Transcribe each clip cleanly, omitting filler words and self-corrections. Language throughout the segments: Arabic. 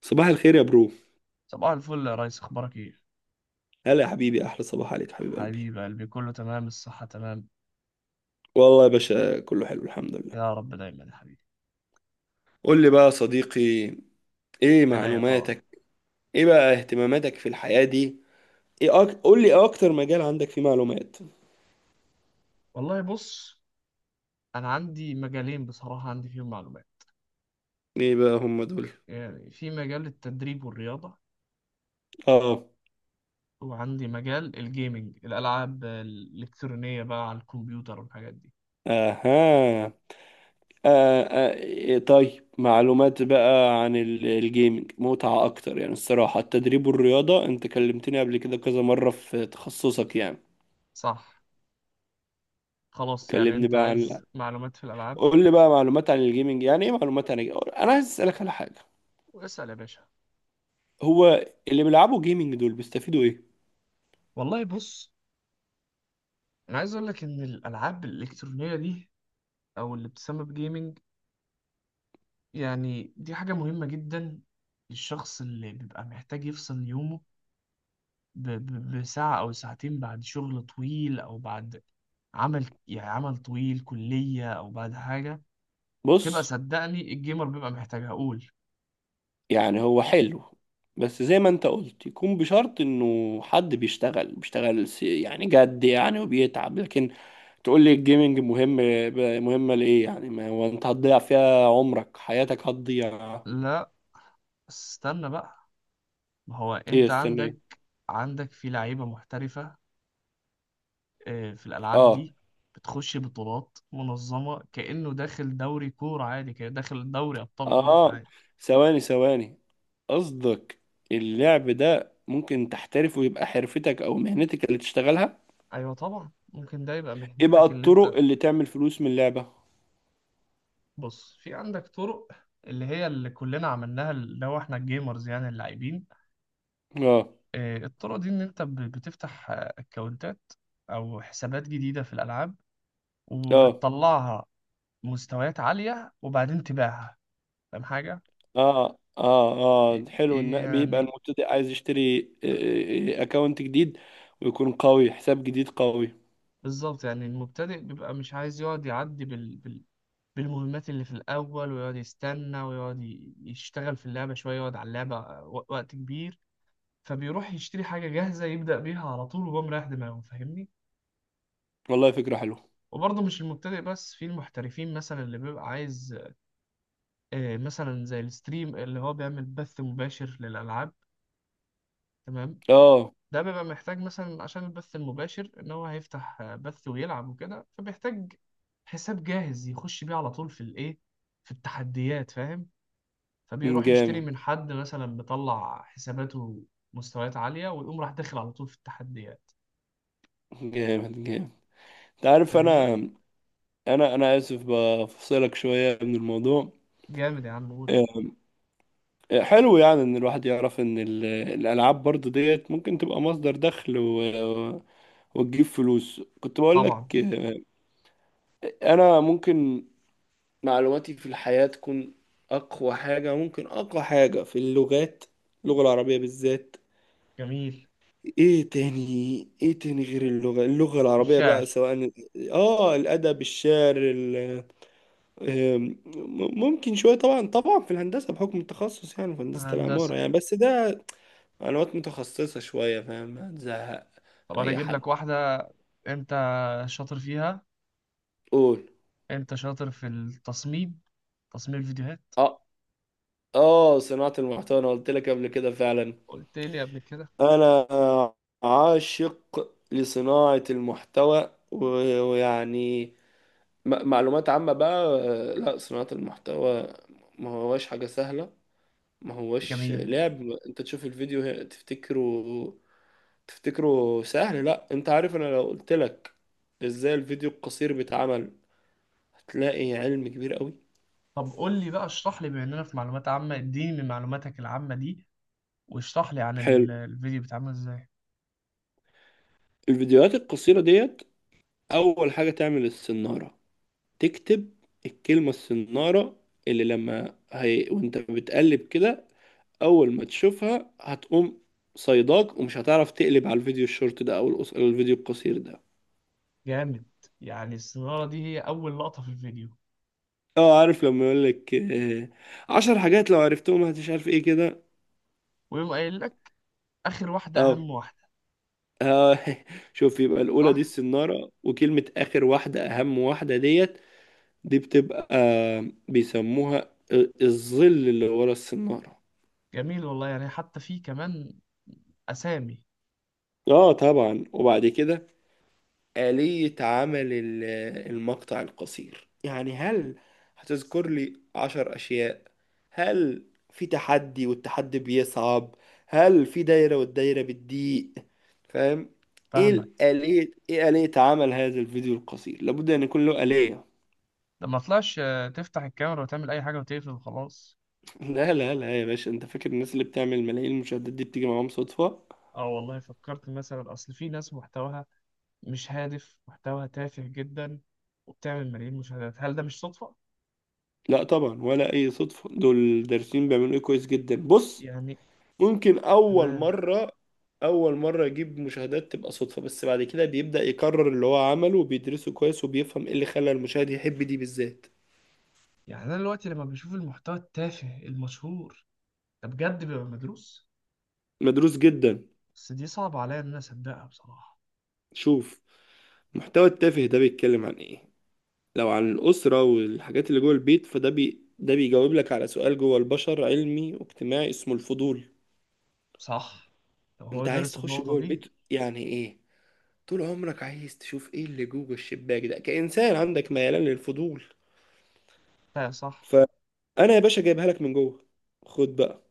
صباح الخير يا برو. صباح الفل يا ريس، اخبارك ايه؟ هلا يا حبيبي، احلى صباح عليك حبيب قلبي. حبيب قلبي، كله تمام، الصحة تمام. والله يا باشا كله حلو الحمد لله. يا رب دايما يا حبيبي. قول لي بقى يا صديقي، ايه انا أيوة طبعا. معلوماتك؟ ايه بقى اهتماماتك في الحياة دي؟ قول لي ايه اكتر مجال عندك فيه معلومات؟ والله بص، انا عندي مجالين بصراحة عندي فيهم معلومات. ايه بقى هم دول؟ يعني في مجال التدريب والرياضة، اه. وعندي مجال الجيمنج، الألعاب الإلكترونية بقى على الكمبيوتر والحاجات دي. اها. آه. آه. إيه، طيب معلومات بقى عن الجيمنج متعة اكتر، يعني الصراحة التدريب والرياضة انت كلمتني قبل كده كذا مرة في تخصصك يعني. صح. خلاص، يعني كلمني انت بقى عن عايز معلومات في الألعاب. قول لي بقى معلومات عن الجيمنج، يعني ايه معلومات عن الجيمنج؟ انا عايز اسالك على حاجه. اسأل يا باشا. هو اللي بيلعبوا جيمنج دول بيستفيدوا ايه؟ والله بص، انا عايز اقول لك ان الألعاب الإلكترونية دي او اللي بتسمى بجيمنج، يعني دي حاجة مهمة جدا. الشخص اللي بيبقى محتاج يفصل يومه بساعة أو ساعتين، بعد شغل طويل أو بعد عمل، يعني عمل طويل كلية، أو بعد حاجة، بتبقى بص. صدقني الجيمر بيبقى محتاج، أقول. يعني هو حلو، بس زي ما انت قلت يكون بشرط انه حد بيشتغل يعني جد يعني، وبيتعب. لكن تقول لي الجيمنج مهم، مهمه لايه؟ يعني ما هو انت هتضيع فيها عمرك، حياتك هتضيع. لا، استنى بقى. ما هو ايه؟ أنت استنى عندك إيه؟ عندك في لعيبة محترفة، في الألعاب اه، دي بتخش بطولات منظمة، كأنه داخل دوري كورة عادي كده، داخل دوري أبطال أوروبا اه، عادي. ثواني ثواني، قصدك اللعب ده ممكن تحترف ويبقى حرفتك او مهنتك اللي تشتغلها؟ أيوة طبعا ممكن ده يبقى ايه بقى مهنتك اللي الطرق أنت. اللي تعمل فلوس من اللعبة؟ بص، في عندك طرق اللي هي اللي كلنا عملناها، اللي هو احنا الجيمرز يعني اللاعبين. اه، الطرق دي ان انت بتفتح اكونتات او حسابات جديدة في الالعاب، اه، وبتطلعها مستويات عالية وبعدين تبيعها. فاهم حاجة؟ اه، اه، اه، ي- حلو ان بيبقى يعني المبتدئ عايز يشتري اكونت جديد ويكون قوي، حساب جديد قوي. بالظبط، يعني المبتدئ بيبقى مش عايز يقعد يعدي بالمهمات اللي في الأول، ويقعد يستنى ويقعد يشتغل في اللعبة شوية، يقعد على اللعبة وقت كبير، فبيروح يشتري حاجة جاهزة يبدأ بيها على طول وهو مريح دماغه. فاهمني؟ والله فكرة حلوة. وبرضه مش المبتدئ بس، في المحترفين مثلا اللي بيبقى عايز، مثلا زي الستريم اللي هو بيعمل بث مباشر للألعاب. تمام. اه. ده بيبقى محتاج مثلا عشان البث المباشر ان هو هيفتح بث ويلعب وكده، فبيحتاج حساب جاهز يخش بيه على طول في الايه، في التحديات، فاهم. فبيروح يشتري جامد. من حد مثلا مطلع حساباته مستويات عالية، ويقوم راح داخل على طول في التحديات. جامد جامد. انت عارف فاهمني؟ انا اسف بفصلك شوية من الموضوع. جامد يا عم، قول. آه، حلو يعني ان الواحد يعرف ان الالعاب برضو ديت ممكن تبقى مصدر دخل وتجيب فلوس، كنت بقول طبعا. لك انا ممكن معلوماتي في الحياة تكون اقوى حاجة، ممكن اقوى حاجة في اللغات، اللغة العربية بالذات. جميل. ايه تاني، ايه تاني غير اللغة، اللغة العربية بقى الشعر. سواء. اه، الادب، الشعر، آم، ممكن شوية. طبعا طبعا في الهندسة بحكم التخصص، يعني في هندسة العمارة هندسة. يعني، بس ده معلومات متخصصة شوية، فاهم هتزهق. طب أنا أي أجيب حد. لك واحدة أنت شاطر فيها. قول. أنت شاطر في التصميم، تصميم الفيديوهات. اه، اه، صناعة المحتوى، أنا قلت لك قبل كده فعلا. قلت لي قبل كده. أنا عاشق لصناعة المحتوى ويعني معلومات عامة بقى. لا، صناعة المحتوى ما هواش حاجة سهلة، ما هواش جميل. لعب، انت تشوف الفيديو تفتكره سهل. لا، انت عارف انا لو قلت لك ازاي الفيديو القصير بيتعمل، هتلاقي علم كبير قوي. طب قول لي بقى، اشرح لي بما إننا في معلومات عامة، اديني من معلوماتك العامة دي، واشرح لي عن حلو، الفيديو بيتعمل إزاي. الفيديوهات القصيرة ديت أول حاجة تعمل السنارة، تكتب الكلمة السنارة، وانت بتقلب كده أول ما تشوفها هتقوم صيداك، ومش هتعرف تقلب على الفيديو الشورت ده أو الفيديو القصير ده. جامد. يعني السنارة دي هي أول لقطة في الفيديو. اه، عارف لما يقولك 10 حاجات لو عرفتهم هتش عارف ايه كده. ويقوم قايل لك آخر واحدة اه. أهم واحدة. آه، شوف، يبقى الأولى دي صح. السنارة، وكلمة آخر واحدة أهم واحدة ديت، دي بتبقى بيسموها الظل اللي ورا السنارة. جميل والله، يعني حتى في كمان أسامي. اه طبعا، وبعد كده آلية عمل المقطع القصير، يعني هل هتذكر لي 10 أشياء؟ هل في تحدي والتحدي بيصعب؟ هل في دايرة والدايرة بتضيق؟ فاهم؟ ايه فاهمك. الآلية، ايه آلية عمل هذا الفيديو القصير؟ لابد ان يكون له آلية. ده ما طلعش، تفتح الكاميرا وتعمل اي حاجه وتقفل وخلاص. لا، لا، لا يا باشا، انت فاكر الناس اللي بتعمل ملايين المشاهدات دي بتيجي معاهم صدفة؟ اه والله فكرت مثلا، اصل في ناس محتواها مش هادف، محتواها تافه جدا، وبتعمل ملايين مشاهدات. هل ده مش صدفه؟ لا طبعا، ولا اي صدفه، دول الدارسين بيعملوا ايه كويس جدا. بص، يعني. ممكن اول تمام. مره اول مره يجيب مشاهدات تبقى صدفه، بس بعد كده بيبدا يكرر اللي هو عمله وبيدرسه كويس وبيفهم ايه اللي خلى المشاهد يحب دي بالذات. يعني انا دلوقتي لما بشوف المحتوى التافه المشهور ده بجد بيبقى مدروس. مدروس جدا. بس دي صعب عليا ان انا اصدقها بصراحه. شوف، محتوى التافه ده بيتكلم عن ايه؟ لو عن الاسره والحاجات اللي جوه البيت، فده ده بيجاوب لك على سؤال جوه البشر علمي واجتماعي اسمه الفضول. صح. لو هو انت عايز درس تخش النقطه جوه دي. البيت، يعني ايه؟ طول عمرك عايز تشوف ايه اللي جوه الشباك ده، كإنسان عندك ميلان للفضول. فعلا، صح. فأنا يا باشا جايبها لك من جوه، خد بقى،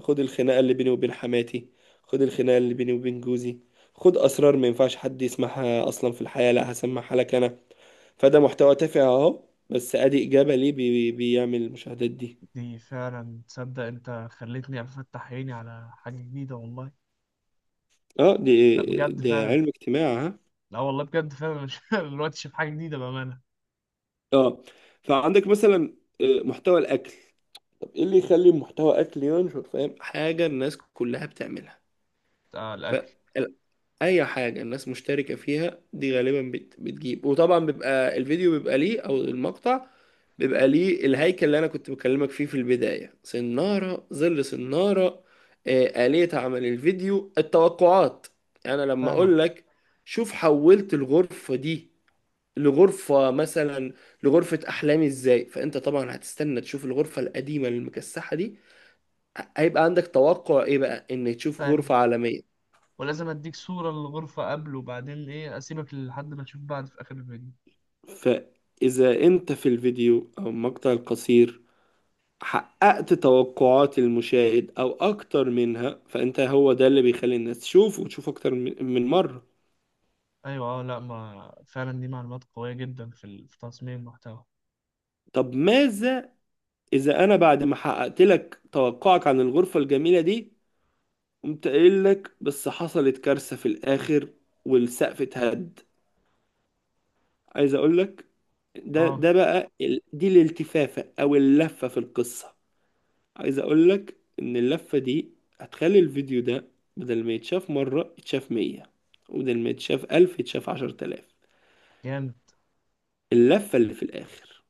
خد الخناقة اللي بيني وبين حماتي، خد الخناقة اللي بيني وبين جوزي، خد أسرار ما ينفعش حد يسمعها أصلا في الحياة، لا هسمعها لك أنا. فده محتوى تافه أهو، بس أدي إجابة ليه بيعمل المشاهدات دي. دي فعلا، تصدق انت خلتني افتح عيني على حاجه جديده والله. اه لا دي بجد دي فعلا. علم اجتماع ها. لا والله بجد فعلا، مش الوقت شايف حاجة جديدة بأمانة. اه، فعندك مثلا محتوى الأكل، طب ايه اللي يخلي محتوى اكل ينشر؟ فاهم، حاجه الناس كلها بتعملها، بتاع ف الأكل. اي حاجه الناس مشتركه فيها دي غالبا بتجيب، وطبعا بيبقى الفيديو بيبقى ليه او المقطع بيبقى ليه الهيكل اللي انا كنت بكلمك فيه في البدايه، سناره، ظل سناره، آلية عمل الفيديو، التوقعات. يعني انا لما فاهمك. اقول لك شوف حولت الغرفه دي لغرفه، مثلا لغرفه احلامي ازاي، فانت طبعا هتستنى تشوف الغرفه القديمه المكسحه دي، هيبقى عندك توقع ايه بقى، ان تشوف فاهم. غرفه عالميه. ولازم أديك صورة للغرفة قبل وبعدين، إيه أسيبك لحد ما تشوف بعد في آخر الفيديو؟ فإذا أنت في الفيديو أو المقطع القصير حققت توقعات المشاهد أو أكتر منها، فأنت هو ده اللي بيخلي الناس تشوف وتشوف أكتر من مرة. أيوة، أه، لأ، ما فعلا دي معلومات قوية جدا في في تصميم المحتوى. طب ماذا إذا أنا بعد ما حققت لك توقعك عن الغرفة الجميلة دي، قمت قايل لك بس حصلت كارثة في الآخر والسقف اتهد. عايز أقول لك، ده أه. ده بقى دي الالتفافة أو اللفة في القصة. عايز اقول لك ان اللفة دي هتخلي الفيديو ده بدل ما يتشاف مرة يتشاف 100، وبدل ما يتشاف 1000 يتشاف 10,000. جامد. اللفة اللي في الآخر،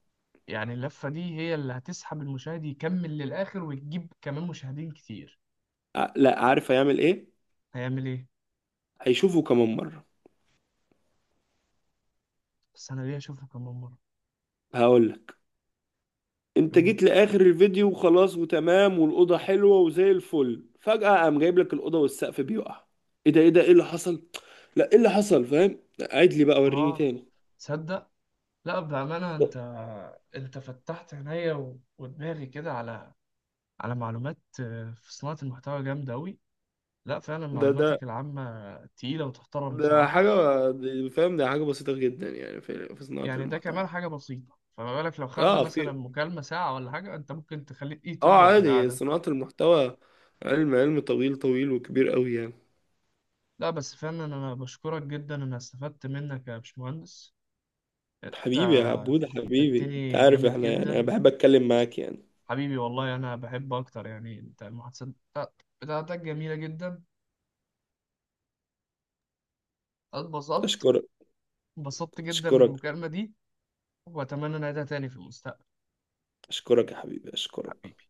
يعني اللفة دي هي اللي هتسحب المشاهد يكمل للآخر وتجيب كمان مشاهدين كتير. لا، عارف هيعمل ايه؟ هيعمل إيه؟ هيشوفه كمان مرة. بس أنا ليه أشوفه كمان مرة؟ هقول لك، انت قول. جيت لآخر الفيديو وخلاص وتمام والأوضة حلوة وزي الفل، فجأة قام جايب لك الأوضة والسقف بيقع. ايه ده، ايه ده، ايه اللي حصل؟ لا، ايه اللي حصل، فاهم؟ عيد لي بقى، وريني أه. تاني. تصدق. لأ بأمانة، ده أنت. أنت فتحت عينيا ودماغي كده على معلومات، في صناعة المحتوى جامدة أوي. لا فعلا، ده ده معلوماتك العامة تقيلة وتحترم ده بصراحة. حاجة، فاهم، ده حاجة بسيطة جدا يعني في صناعة يعني ده كمان المحتوى. حاجة بسيطة، فما بالك لو خدنا اه، مثلا في، مكالمة ساعة ولا حاجة، أنت ممكن تخليك اه، يوتيوبر عادي، بالقعدة. صناعة المحتوى علم، علم طويل طويل وكبير قوي يعني. لا بس فعلا أنا بشكرك جدا، أنا استفدت منك يا باشمهندس. أنت حبيبي يا عبود حبيبي، انت فدتني عارف جامد احنا يعني، انا جدا. بحب اتكلم معاك يعني. حبيبي والله، أنا بحب أكتر يعني، أنت المحادثات بتاعتك جميلة جدا. أنا اتبسطت اشكرك. اتبسطت جدا من اشكرك. المكالمة دي، وأتمنى نعيدها تاني في المستقبل. اشكرك يا حبيبي. اشكرك. حبيبي.